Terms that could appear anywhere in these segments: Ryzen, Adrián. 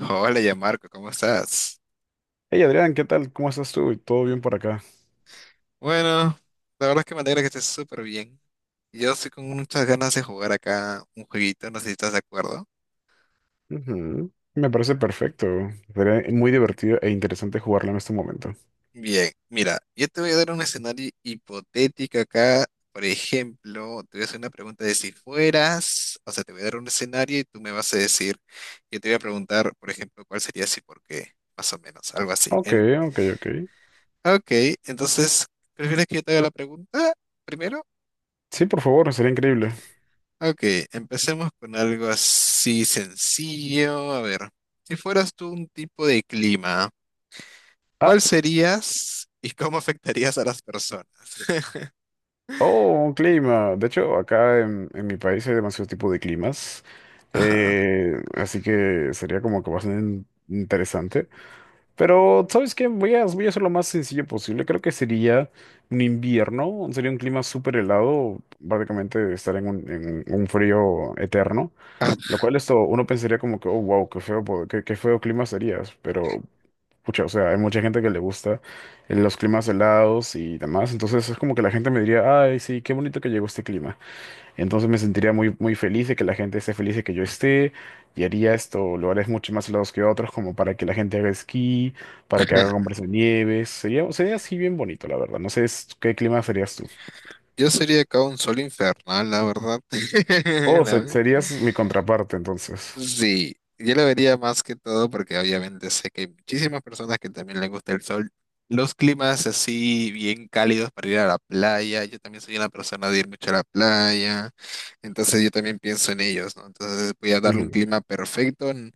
Hola, ya Marco, ¿cómo estás? Hey Adrián, ¿qué tal? ¿Cómo estás tú? ¿Todo bien por acá? Bueno, la verdad es que me alegra que estés súper bien. Yo estoy con muchas ganas de jugar acá un jueguito, no sé si estás de acuerdo. Ujú. Me parece perfecto. Sería muy divertido e interesante jugarlo en este momento. Bien, mira, yo te voy a dar un escenario hipotético acá. Por ejemplo, te voy a hacer una pregunta de si fueras, o sea, te voy a dar un escenario y tú me vas a decir, yo te voy a preguntar, por ejemplo, cuál sería si por qué, más o menos, algo así. Ok, ok, ok. Ok, entonces, ¿prefieres que yo te haga la pregunta primero? Sí, por favor, sería increíble. Ok, empecemos con algo así sencillo. A ver, si fueras tú un tipo de clima, Ah, ¿cuál serías y cómo afectarías a las personas? oh, un clima. De hecho, acá en mi país hay demasiado tipo de climas. Ajá. Así que sería como que bastante interesante. Pero, ¿sabes qué? Voy a hacer lo más sencillo posible. Creo que sería un invierno. Sería un clima súper helado. Prácticamente estar en un frío eterno. Lo cual esto, uno pensaría como que, oh, wow, qué feo, qué feo clima serías, pero, pucha, o sea, hay mucha gente que le gusta los climas helados y demás, entonces es como que la gente me diría, ay, sí, qué bonito que llegó este clima. Entonces me sentiría muy, muy feliz de que la gente esté feliz de que yo esté, y haría esto, lugares mucho más helados que otros, como para que la gente haga esquí, para que haga hombres de nieves, sería, sería así bien bonito, la verdad, no sé qué clima serías tú. Yo sería acá un sol infernal, la verdad. Oh, serías mi contraparte, entonces. Sí, yo lo vería más que todo porque obviamente sé que hay muchísimas personas que también les gusta el sol. Los climas así bien cálidos para ir a la playa. Yo también soy una persona de ir mucho a la playa. Entonces yo también pienso en ellos, ¿no? Entonces voy a darle un clima perfecto.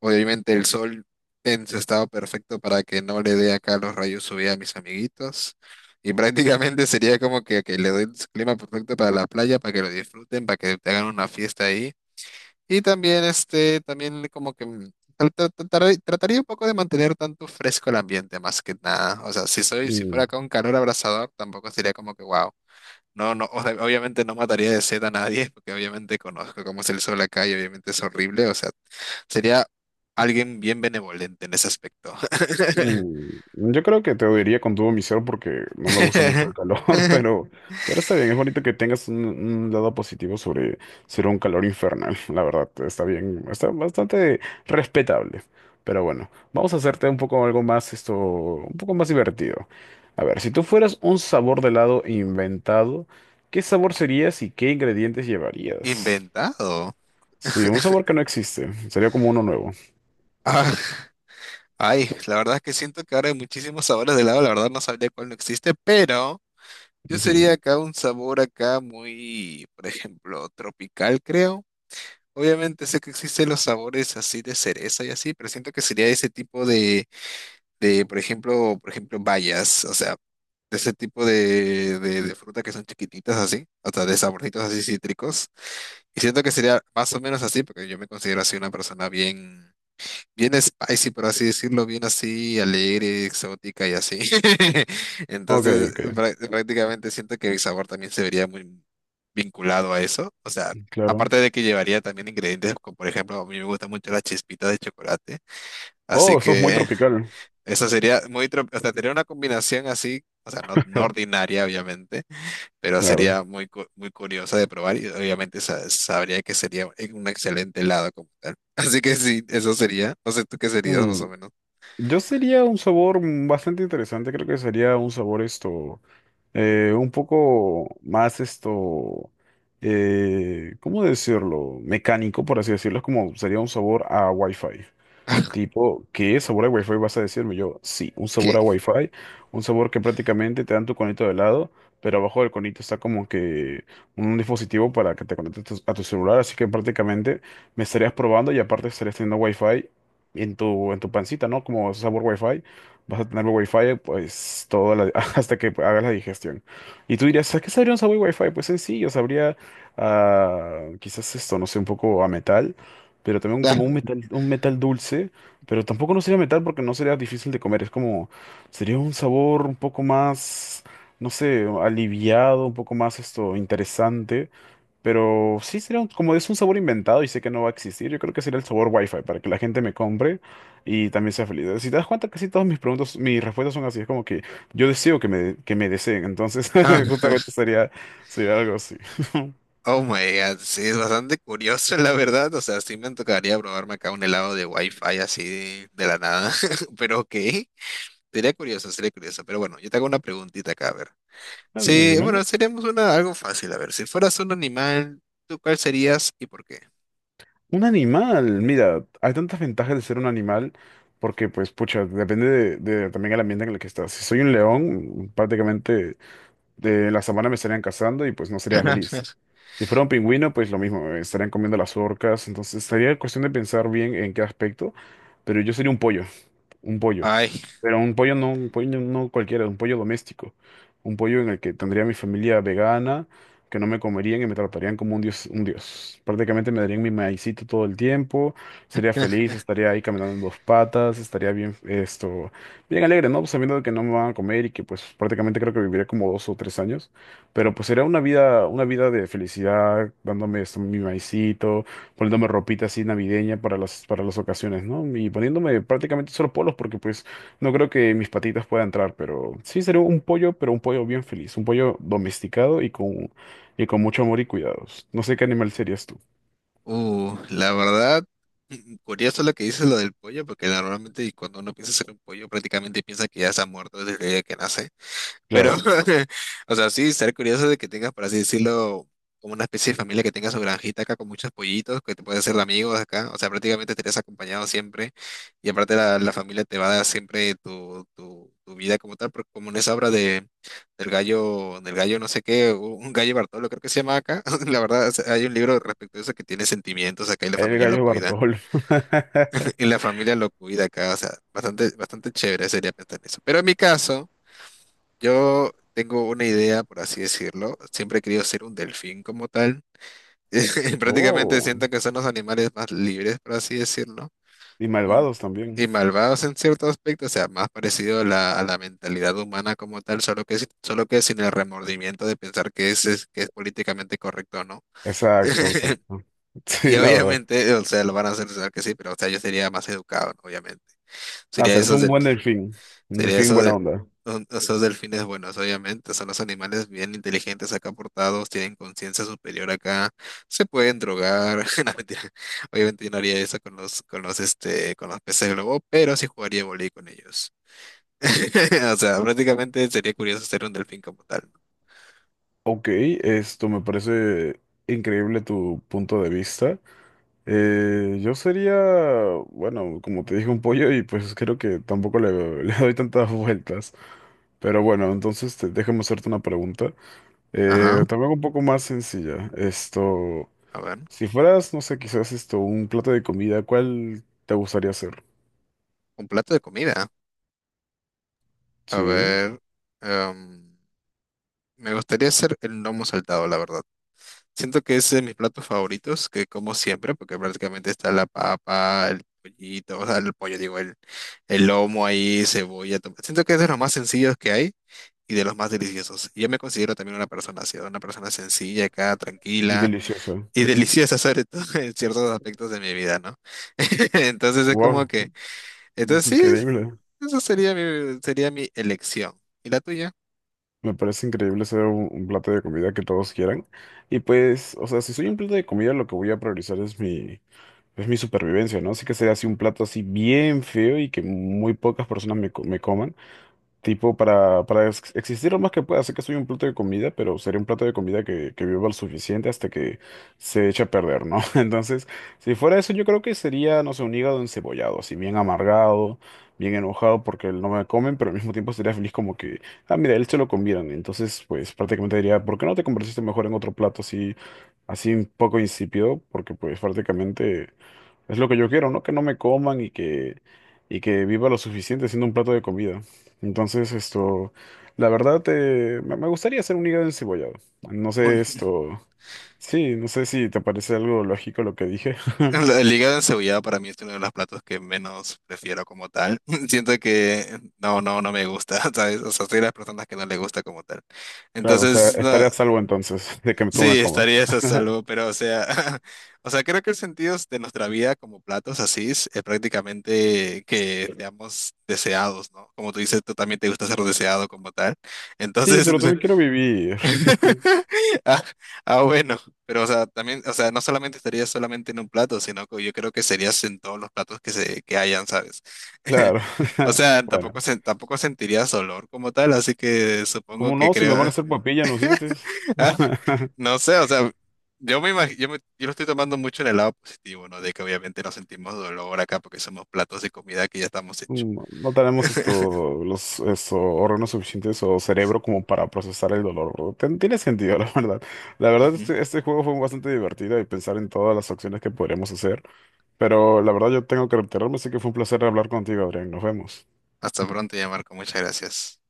Obviamente el sol en su estado perfecto para que no le dé acá los rayos UV a mis amiguitos. Y prácticamente sería como que le doy el clima perfecto para la playa, para que lo disfruten, para que te hagan una fiesta ahí. Y también, este, también como que trataría un poco de mantener tanto fresco el ambiente, más que nada. O sea, si soy, si fuera Ujú. con calor abrasador, tampoco sería como que wow. No, no, o sea, obviamente no mataría de sed a nadie, porque obviamente conozco cómo es el sol acá y obviamente es horrible. O sea, sería alguien bien benevolente en ese aspecto. Mm, yo creo que te odiaría con todo mi ser porque no me gusta mucho el calor, pero, pero está bien, es bonito que tengas un lado positivo sobre ser un calor infernal, la verdad, está bien, está bastante respetable. Pero bueno, vamos a hacerte un poco algo más, esto, un poco más divertido. A ver, si tú fueras un sabor de helado inventado, ¿qué sabor serías y qué ingredientes llevarías? Inventado. Sí, un sabor que no existe, sería como uno nuevo. Ah, ay, la verdad es que siento que ahora hay muchísimos sabores de helado, la verdad no sabría cuál no existe, pero. Yo sería Ujú. acá un sabor acá muy, por ejemplo, tropical, creo. Obviamente sé que existen los sabores así de cereza y así, pero siento que sería ese tipo de, por ejemplo, bayas, o sea, de ese tipo de fruta que son chiquititas así, o sea, de saborcitos así cítricos. Y siento que sería más o menos así, porque yo me considero así una persona bien spicy, por así decirlo, bien así, alegre, exótica y así. Ok, ok, Entonces, prácticamente siento que el sabor también se vería muy vinculado a eso. O sea, claro. aparte de que llevaría también ingredientes, como por ejemplo, a mí me gusta mucho las chispitas de chocolate. Así Oh, eso es muy que tropical. eso sería muy, o sea, sería una combinación así, o sea, no ordinaria, obviamente pero Claro. sería muy, muy curiosa de probar y obviamente sabría que sería un excelente helado como tal. Así que sí, eso sería. No sé tú qué serías más Mm, o menos. yo sería un sabor mm, bastante interesante, creo que sería un sabor esto, un poco más esto, ¿cómo decirlo? Mecánico, por así decirlo, es como sería un sabor a Wi-Fi. Tipo, ¿qué sabor a Wi-Fi vas a decirme? Yo, sí, un sabor a ¿Qué? Wi-Fi, un sabor que prácticamente te dan tu conito de lado, pero abajo del conito está como que un dispositivo para que te conectes a tu celular, así que prácticamente me estarías probando y aparte estarías teniendo Wi-Fi en tu pancita, ¿no? Como sabor Wi-Fi, vas a tener Wi-Fi pues toda hasta que hagas la digestión. Y tú dirías, ¿a qué sabría un sabor Wi-Fi? Pues sencillo, sabría quizás esto, no sé, un poco a metal pero también como un metal dulce pero tampoco no sería metal porque no sería difícil de comer. Es como, sería un sabor un poco más, no sé, aliviado, un poco más esto, interesante. Pero sí sería como es un sabor inventado y sé que no va a existir, yo creo que sería el sabor Wi-Fi para que la gente me compre y también sea feliz. Si te das cuenta, casi todas mis preguntas, mis respuestas son así. Es como que yo deseo que que me deseen. Entonces, Ah, justamente sería, sería algo así. oh my God, sí, es bastante curioso la verdad. O sea, sí me tocaría probarme acá un helado de Wi-Fi así de la nada. Pero ok, sería curioso, sería curioso. Pero bueno, yo te hago una preguntita acá, a ver. Mm, Sí, bueno, dímelo. seríamos una, algo fácil. A ver, si fueras un animal, ¿tú cuál serías y por qué? Un animal, mira, hay tantas ventajas de ser un animal porque, pues, pucha, depende de también el ambiente en el que estás. Si soy un león, prácticamente de la sabana me estarían cazando y pues no sería feliz. Si fuera un pingüino, pues lo mismo, me estarían comiendo las orcas. Entonces, sería cuestión de pensar bien en qué aspecto, pero yo sería un pollo un pollo. Ay, Pero un pollo no cualquiera, un pollo doméstico. Un pollo en el que tendría mi familia vegana, que no me comerían y me tratarían como un dios, un dios. Prácticamente me darían mi maicito todo el tiempo, sería feliz, estaría ahí caminando en dos patas, estaría bien, esto, bien alegre, ¿no? Sabiendo que no me van a comer y que pues prácticamente creo que viviré como dos o tres años. Pero pues sería una vida de felicidad, dándome esto, mi maicito poniéndome ropita así navideña para para las ocasiones, ¿no? Y poniéndome prácticamente solo polos porque pues no creo que mis patitas puedan entrar, pero sí sería un pollo, pero un pollo bien feliz, un pollo domesticado y con mucho amor y cuidados. No sé qué animal serías tú. La verdad, mm, curioso lo que dices lo del pollo, porque normalmente cuando uno piensa hacer un pollo, prácticamente piensa que ya se ha muerto desde el día que nace. Pero, Claro, o sea, sí, ser curioso de que tengas, por así decirlo, como una especie de familia que tenga su granjita acá con muchos pollitos, que te puedes hacer de amigos acá. O sea, prácticamente estarías acompañado siempre. Y aparte la familia te va a dar siempre tu vida como tal, porque como en esa obra de, del gallo no sé qué, un gallo Bartolo creo que se llama acá. La verdad, o sea, hay un libro respecto a eso que tiene sentimientos acá y la el familia lo gallo cuida. Bartolo. Y la familia lo cuida acá. O sea, bastante, bastante chévere sería pensar en eso. Pero en mi caso... Yo tengo una idea, por así decirlo. Siempre he querido ser un delfín como tal. Y prácticamente Oh, siento que son los animales más libres, por así decirlo. y Mm, malvados también. y malvados en cierto aspecto, o sea, más parecido a la mentalidad humana como tal, solo que, solo que sin el remordimiento de pensar que es, que es políticamente correcto o no. Exacto, exacto. Y Sí, la verdad. obviamente, o sea, lo van a hacer pensar que sí, pero o sea, yo sería más educado, ¿no? Obviamente. Ah, Sería sí, es esos, un buen delfín, un sería delfín eso de buena onda. Esos delfines buenos, obviamente. Son los animales bien inteligentes acá portados, tienen conciencia superior acá, se pueden drogar. No, mentira. Obviamente yo no haría eso con los, este, con los peces globo, pero sí jugaría voley con ellos. O sea, prácticamente sería curioso ser un delfín como tal. Ok, esto me parece increíble tu punto de vista. Yo sería, bueno, como te dije, un pollo y pues creo que tampoco le doy tantas vueltas. Pero bueno, entonces te, déjame hacerte una pregunta. Ajá, También un poco más sencilla. Esto, a ver. si fueras, no sé, quizás esto, un plato de comida, ¿cuál te gustaría hacer? Un plato de comida. A Sí, ver. em, me gustaría hacer el lomo saltado, la verdad. Siento que ese es de mis platos favoritos, que como siempre, porque prácticamente está la papa, el pollito, o sea, el pollo, digo, el lomo ahí, cebolla. Siento que es de los más sencillos que hay y de los más deliciosos. Yo me considero también una persona así, una persona sencilla, acá, y tranquila deliciosa. y deliciosa, sobre todo en ciertos aspectos de mi vida, ¿no? Entonces es como Wow, que, entonces sí, increíble. eso sería mi elección. ¿Y la tuya? Me parece increíble ser un plato de comida que todos quieran. Y pues, o sea, si soy un plato de comida, lo que voy a priorizar es mi... Es mi supervivencia, ¿no? Así que sería así un plato así bien feo y que muy pocas personas me coman. Tipo, para existir lo más que pueda. Sé que soy un plato de comida, pero sería un plato de comida que viva lo suficiente hasta que se eche a perder, ¿no? Entonces, si fuera eso, yo creo que sería, no sé, un hígado encebollado, así bien amargado, bien enojado porque no me comen, pero al mismo tiempo sería feliz como que, ah, mira, él se lo comieron. Entonces, pues prácticamente diría, ¿por qué no te convertiste mejor en otro plato así, así un poco insípido? Porque pues prácticamente... Es lo que yo quiero, ¿no? Que no me coman y que viva lo suficiente siendo un plato de comida. Entonces, esto, la verdad, me gustaría hacer un hígado encebollado. No sé esto, sí, no sé si te parece algo lógico lo que dije. El hígado encebollado para mí es uno de los platos que menos prefiero como tal. Siento que no me gusta, ¿sabes? O sea, soy de las personas que no le gusta como tal. Claro, o sea, Entonces, no, estaré a salvo entonces de que tú me sí, comas. estaría eso a salvo, pero o sea, o sea, creo que el sentido de nuestra vida como platos así es, prácticamente que seamos deseados, ¿no? Como tú dices, tú también te gusta ser deseado como tal. Sí, Entonces, pero también quiero vivir, ah, ah, bueno, pero o sea, también, o sea, no solamente estaría solamente en un plato, sino que yo creo que serías en todos los platos que se que hayan, ¿sabes? claro. O sea, tampoco Bueno, tampoco sentirías olor como tal, así que supongo ¿cómo que no? Si me van a creo, hacer papilla en los dientes. ah, no sé, o sea, yo me imag- yo me- yo lo estoy tomando mucho en el lado positivo, ¿no? De que obviamente no sentimos dolor acá porque somos platos de comida que ya estamos hechos. No, no tenemos esto, los esto, órganos suficientes o cerebro como para procesar el dolor. Tiene sentido, la verdad. La verdad, Ujú. este juego fue bastante divertido y pensar en todas las acciones que podríamos hacer. Pero la verdad, yo tengo que retirarme, así que fue un placer hablar contigo, Adrián. Nos vemos. Hasta pronto, ya Marco, muchas gracias.